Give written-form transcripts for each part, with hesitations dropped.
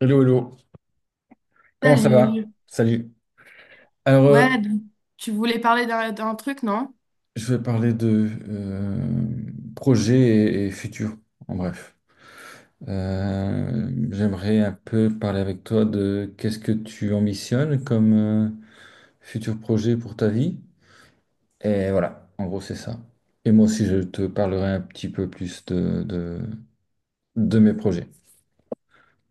Hello, hello. Comment ça Salut. va? Salut. Alors, Ouais, donc, tu voulais parler d'un truc, non? je vais parler de projet et futur, en bref. J'aimerais un peu parler avec toi de qu'est-ce que tu ambitionnes comme futur projet pour ta vie. Et voilà, en gros, c'est ça. Et moi aussi, je te parlerai un petit peu plus de mes projets.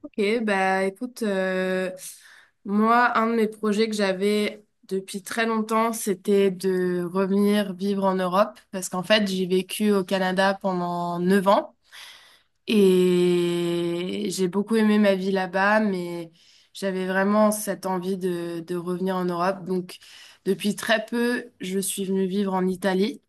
Ok, bah écoute, moi, un de mes projets que j'avais depuis très longtemps, c'était de revenir vivre en Europe, parce qu'en fait, j'ai vécu au Canada pendant 9 ans et j'ai beaucoup aimé ma vie là-bas, mais j'avais vraiment cette envie de revenir en Europe. Donc, depuis très peu, je suis venue vivre en Italie.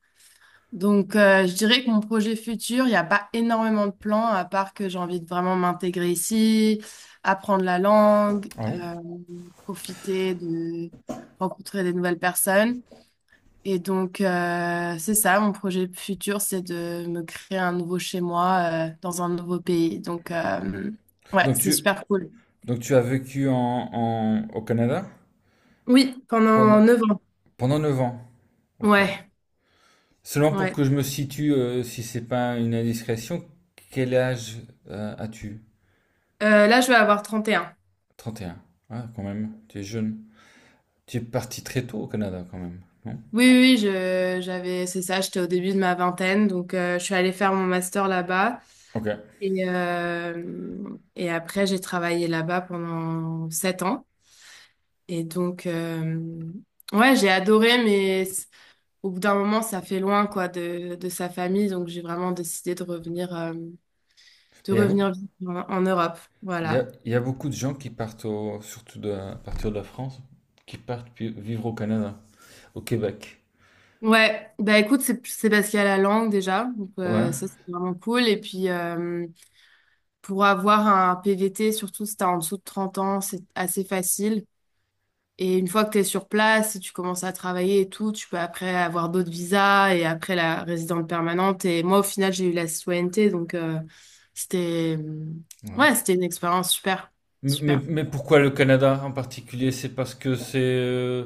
Donc, je dirais que mon projet futur, il n'y a pas énormément de plans, à part que j'ai envie de vraiment m'intégrer ici, apprendre la langue, Ah bon? Profiter de rencontrer des nouvelles personnes. Et donc, c'est ça, mon projet futur, c'est de me créer un nouveau chez moi, dans un nouveau pays. Donc, ouais, Donc, c'est tu, super cool. donc tu as vécu au Canada Oui, pendant pendant, 9 ans. pendant 9 ans. Ok. Ouais, Seulement pour ouais. que je me situe, si c'est pas une indiscrétion, quel âge as-tu? Là, je vais avoir 31. 31. Ah, quand même, tu es jeune. Tu es parti très tôt au Canada, quand même, non? Oui, oui, oui, j'avais, c'est ça, j'étais au début de ma vingtaine, donc je suis allée faire mon master là-bas. Ok. Et après, j'ai travaillé là-bas pendant 7 ans. Et donc, ouais, j'ai adoré, mais au bout d'un moment, ça fait loin, quoi, de sa famille. Donc, j'ai vraiment décidé de Mais il y a beaucoup, revenir vivre en Europe. Voilà. Il y a beaucoup de gens qui partent, surtout à partir de la France, qui partent vivre au Canada, au Québec. Ouais, bah écoute, c'est parce qu'il y a la langue déjà. Donc, Ouais. Ça, c'est vraiment cool. Et puis, pour avoir un PVT, surtout si t'es en dessous de 30 ans, c'est assez facile. Et une fois que t'es sur place, si tu commences à travailler et tout, tu peux après avoir d'autres visas et après la résidence permanente. Et moi, au final, j'ai eu la citoyenneté, donc c'était, Ouais. ouais, c'était une expérience super, super. Mais pourquoi le Canada en particulier? C'est parce que c'est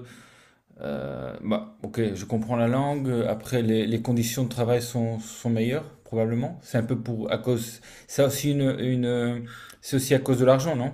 euh, bah, ok, je comprends la langue. Après, les conditions de travail sont meilleures, probablement. C'est un peu pour, à cause, c'est aussi c'est aussi à cause de l'argent, non?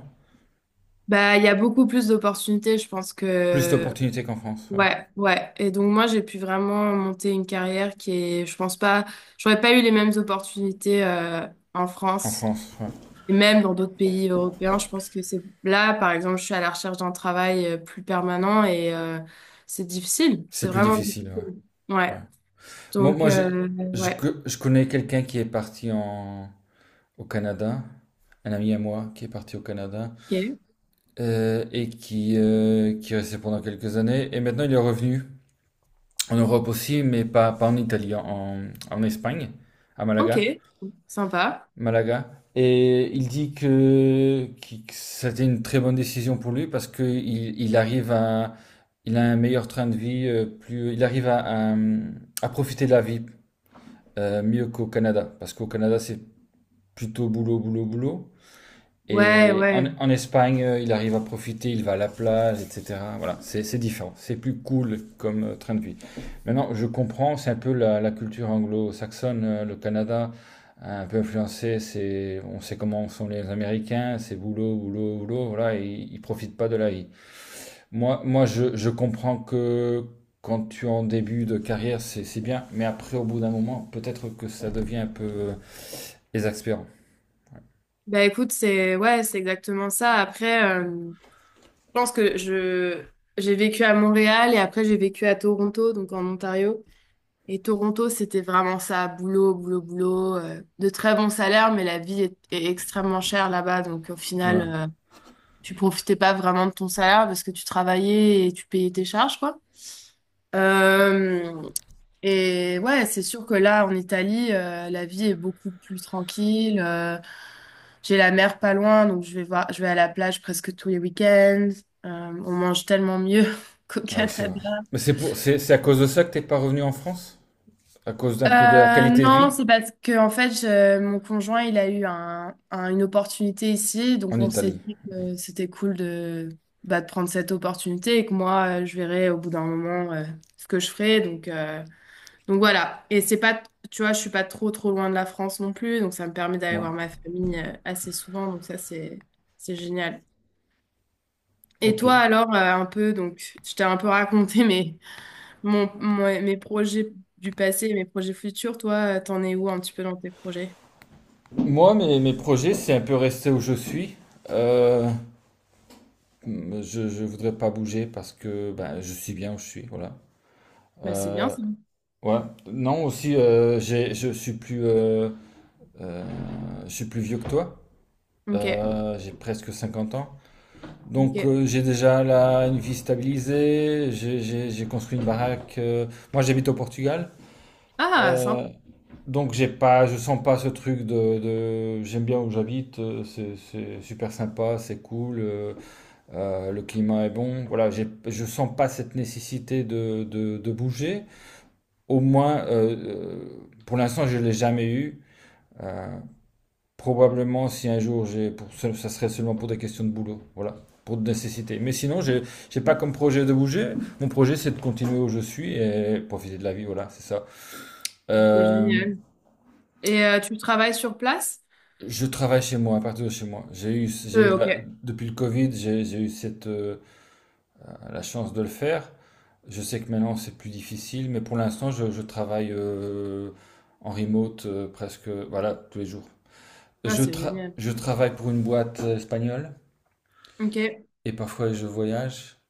Bah, il y a beaucoup plus d'opportunités, je pense Plus que d'opportunités qu'en France, ouais. ouais, ouais. Et donc moi, j'ai pu vraiment monter une carrière qui est, je pense pas, j'aurais pas eu les mêmes opportunités en En France. France, ouais. Et même dans d'autres pays européens, je pense que c'est là, par exemple, je suis à la recherche d'un travail plus permanent et c'est difficile. C'est C'est plus vraiment difficile, difficile. ouais. Ouais. Ouais. Moi, Donc, moi, je, ouais. co- Je connais quelqu'un qui est parti au Canada, un ami à moi qui est parti au Canada, Ok. Et qui est resté pendant quelques années, et maintenant il est revenu. En Europe aussi, pas en Italie, en Espagne, à Ok. Malaga. Sympa. Malaga. Et il dit que c'était une très bonne décision pour lui parce qu'il il arrive à, il a un meilleur train de vie, plus, il arrive à profiter de la vie mieux qu'au Canada. Parce qu'au Canada, c'est plutôt boulot, boulot, boulot. Ouais, Et ouais. en Espagne, il arrive à profiter, il va à la plage, etc. Voilà, c'est différent, c'est plus cool comme train de vie. Maintenant, je comprends, c'est un peu la culture anglo-saxonne, le Canada, un peu influencé, c'est, on sait comment sont les Américains, c'est boulot, boulot, boulot, voilà, et ils profitent pas de la vie. Je comprends que quand tu es en début de carrière, c'est bien, mais après, au bout d'un moment, peut-être que ça devient un peu exaspérant. Bah écoute, c'est, ouais, c'est exactement ça. Après, je pense que je j'ai vécu à Montréal et après j'ai vécu à Toronto, donc en Ontario. Et Toronto, c'était vraiment ça, boulot, boulot, boulot, de très bons salaires, mais la vie est extrêmement chère là-bas. Donc au final, Ouais. Tu profitais pas vraiment de ton salaire parce que tu travaillais et tu payais tes charges, quoi. Euh, et ouais, c'est sûr que là, en Italie, la vie est beaucoup plus tranquille. J'ai la mer pas loin, donc je vais voir, je vais à la plage presque tous les week-ends. Euh, on mange tellement mieux qu'au Ah oui, c'est vrai. Canada. C'est à cause de ça que t'es pas revenu en France? À cause d'un peu de la Euh, qualité de non, vie c'est parce que en fait, mon conjoint, il a eu un, une opportunité ici, donc en on s'est Italie. dit que c'était cool de, bah, de prendre cette opportunité et que moi, je verrai au bout d'un moment ce que je ferai. Donc voilà. Et c'est pas, tu vois, je suis pas trop trop loin de la France non plus, donc ça me permet d'aller Ouais. voir ma famille assez souvent. Donc ça, c'est génial. Et Ok. toi alors, un peu, donc je t'ai un peu raconté, mais ouais, mes projets du passé et mes projets futurs, toi, t'en es où un petit peu dans tes projets? Moi, mes projets, c'est un peu rester où je suis. Euh, je voudrais pas bouger parce que ben, je suis bien où je suis, voilà. Bah, c'est bien Euh, ça. ouais. Non, aussi, je suis euh, je suis plus vieux que toi. Ok, J'ai presque 50 ans. Donc, ok. J'ai déjà là une vie stabilisée. J'ai construit une baraque. Euh, moi, j'habite au Portugal. Ah, sympa, Euh, donc j'ai pas, je sens pas ce truc j'aime bien où j'habite, c'est super sympa, c'est cool, le climat est bon. Voilà, j'ai, je sens pas cette nécessité de bouger. Au moins, pour l'instant, je l'ai jamais eu. Euh, probablement, si un jour ça ça serait seulement pour des questions de boulot, voilà, pour de nécessité. Mais sinon, j'ai pas comme projet de bouger. Mon projet, c'est de continuer où je suis et profiter de la vie. Voilà, c'est ça. c'est Euh, génial. Et tu travailles sur place? Je travaille chez moi, à partir de chez moi. J'ai eu Euh, la- ok. depuis le Covid, j'ai eu cette, la chance de le faire. Je sais que maintenant c'est plus difficile, mais pour l'instant je travaille en remote presque, voilà, tous les jours. Ah, c'est génial. Je travaille pour une boîte espagnole Ok. et parfois je voyage.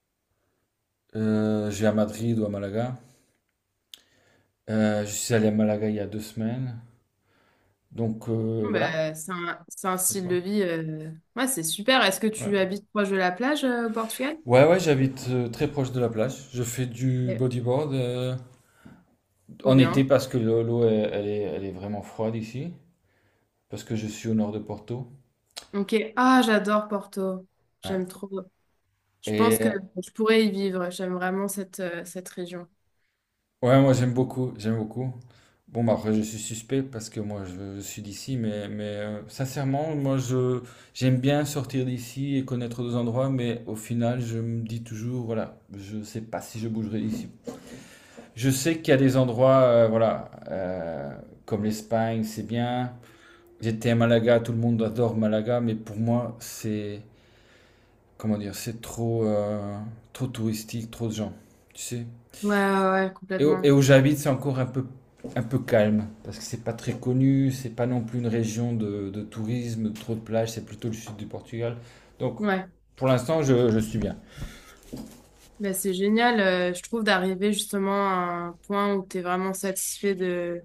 Je vais à Madrid ou à Malaga. Je suis allé à Malaga il y a 2 semaines. Donc Bon, voilà, bah, c'est un je sais style de pas. vie. Ouais, c'est super. Est-ce que Ouais, tu habites proche de la plage au Portugal? ouais, ouais, j'habite très proche de la plage. Je fais du Ouais, bodyboard. Euh, trop en été, bien. parce que l'eau, l'eau, elle, elle est vraiment froide ici, parce que je suis au nord de Porto. Ok. Ah, j'adore Porto. Ouais. J'aime trop. Je Et pense que je pourrais y vivre. J'aime vraiment cette région. ouais, moi j'aime beaucoup, j'aime beaucoup. Bon, bah, après, je suis suspect parce que je suis d'ici, mais sincèrement, moi je j'aime bien sortir d'ici et connaître d'autres endroits, mais au final, je me dis toujours, voilà, je sais pas si je bougerai d'ici. Je sais qu'il y a des endroits, voilà, comme l'Espagne, c'est bien. J'étais à Malaga, tout le monde adore Malaga, mais pour moi, c'est comment dire, c'est trop, trop touristique, trop de gens, tu sais. Ouais, ouais, ouais, Et complètement. où j'habite, c'est encore un peu calme, parce que c'est pas très connu, c'est pas non plus une région de tourisme, de trop de plages, c'est plutôt le sud du Portugal. Donc, Ouais. pour l'instant, je suis bien. Ben, c'est génial, je trouve, d'arriver justement à un point où tu es vraiment satisfait de,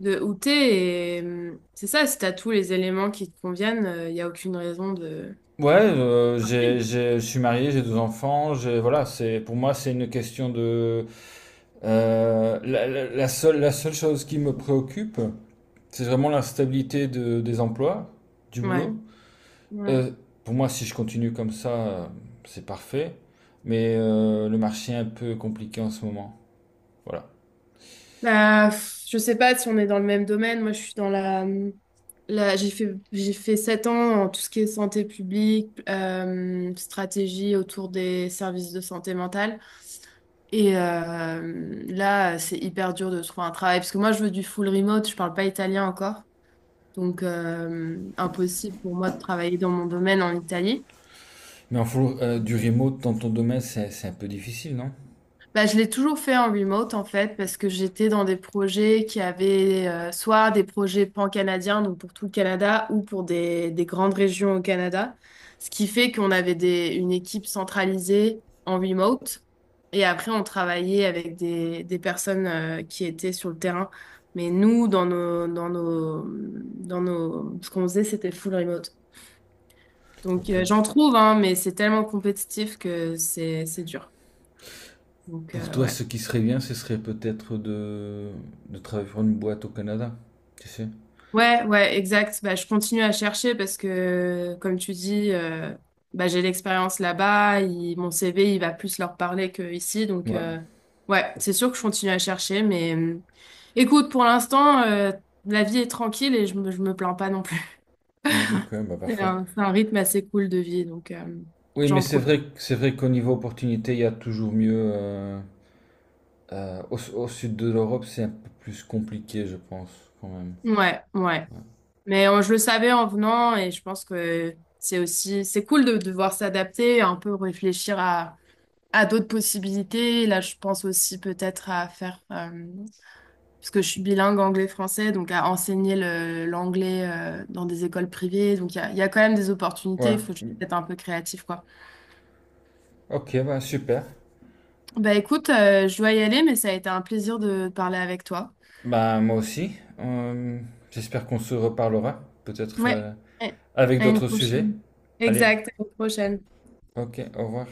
de où tu es. Et c'est ça, si tu as tous les éléments qui te conviennent, il n'y a aucune raison de. Ouais, je suis marié, j'ai 2 enfants, j'ai, voilà, c'est, pour moi, c'est une question de... la seule chose qui me préoccupe, c'est vraiment la stabilité des emplois, du Ouais, boulot. ouais. Euh, pour moi, si je continue comme ça, euh, c'est parfait. Mais le marché est un peu compliqué en ce moment. Voilà. Bah, pff, je sais pas si on est dans le même domaine. Moi, je suis dans la j'ai fait 7 ans en tout ce qui est santé publique, stratégie autour des services de santé mentale. Et là, c'est hyper dur de trouver un travail parce que moi, je veux du full remote, je parle pas italien encore. Donc, impossible pour moi de travailler dans mon domaine en Italie. Mais en full, du remote dans ton domaine, c'est un peu difficile, non? Bah, je l'ai toujours fait en remote en fait parce que j'étais dans des projets qui avaient soit des projets pan-canadiens donc pour tout le Canada ou pour des grandes régions au Canada, ce qui fait qu'on avait une équipe centralisée en remote et après on travaillait avec des personnes qui étaient sur le terrain. Mais nous dans nos ce qu'on faisait c'était full remote. Donc Ok. j'en trouve hein, mais c'est tellement compétitif que c'est dur. Donc Pour toi, ouais. ce qui serait bien, ce serait peut-être de travailler pour une boîte au Canada. Tu sais? Ouais, ouais, exact. Bah, je continue à chercher parce que, comme tu dis, bah, j'ai l'expérience là-bas. Mon CV, il va plus leur parler que ici. Donc, Ouais. Ouais, c'est sûr que je continue à chercher. Mais écoute, pour l'instant, la vie est tranquille et je me plains pas non plus. Ouais, ok, bah C'est parfait. un, c'est un rythme assez cool de vie. Donc, Oui, mais j'en c'est profite. vrai, c'est vrai qu'au niveau opportunité, il y a toujours mieux. Euh, au sud de l'Europe, c'est un peu plus compliqué, je pense, quand même. Ouais, ouais. Ouais. Mais je le savais en venant et je pense que c'est aussi, c'est cool de devoir s'adapter, un peu réfléchir à d'autres possibilités. Là, je pense aussi peut-être à faire, parce que je suis bilingue anglais-français, donc à enseigner l'anglais dans des écoles privées. Donc, il y a quand même des Ouais. opportunités. Il faut juste être un peu créatif, quoi. Ok, bah super. Bah écoute, je dois y aller, mais ça a été un plaisir de parler avec toi. Bah, moi aussi. Euh, j'espère qu'on se reparlera, peut-être Ouais, ouais. avec À une d'autres sujets. prochaine. Allez, Exact, à une prochaine. ok, au revoir.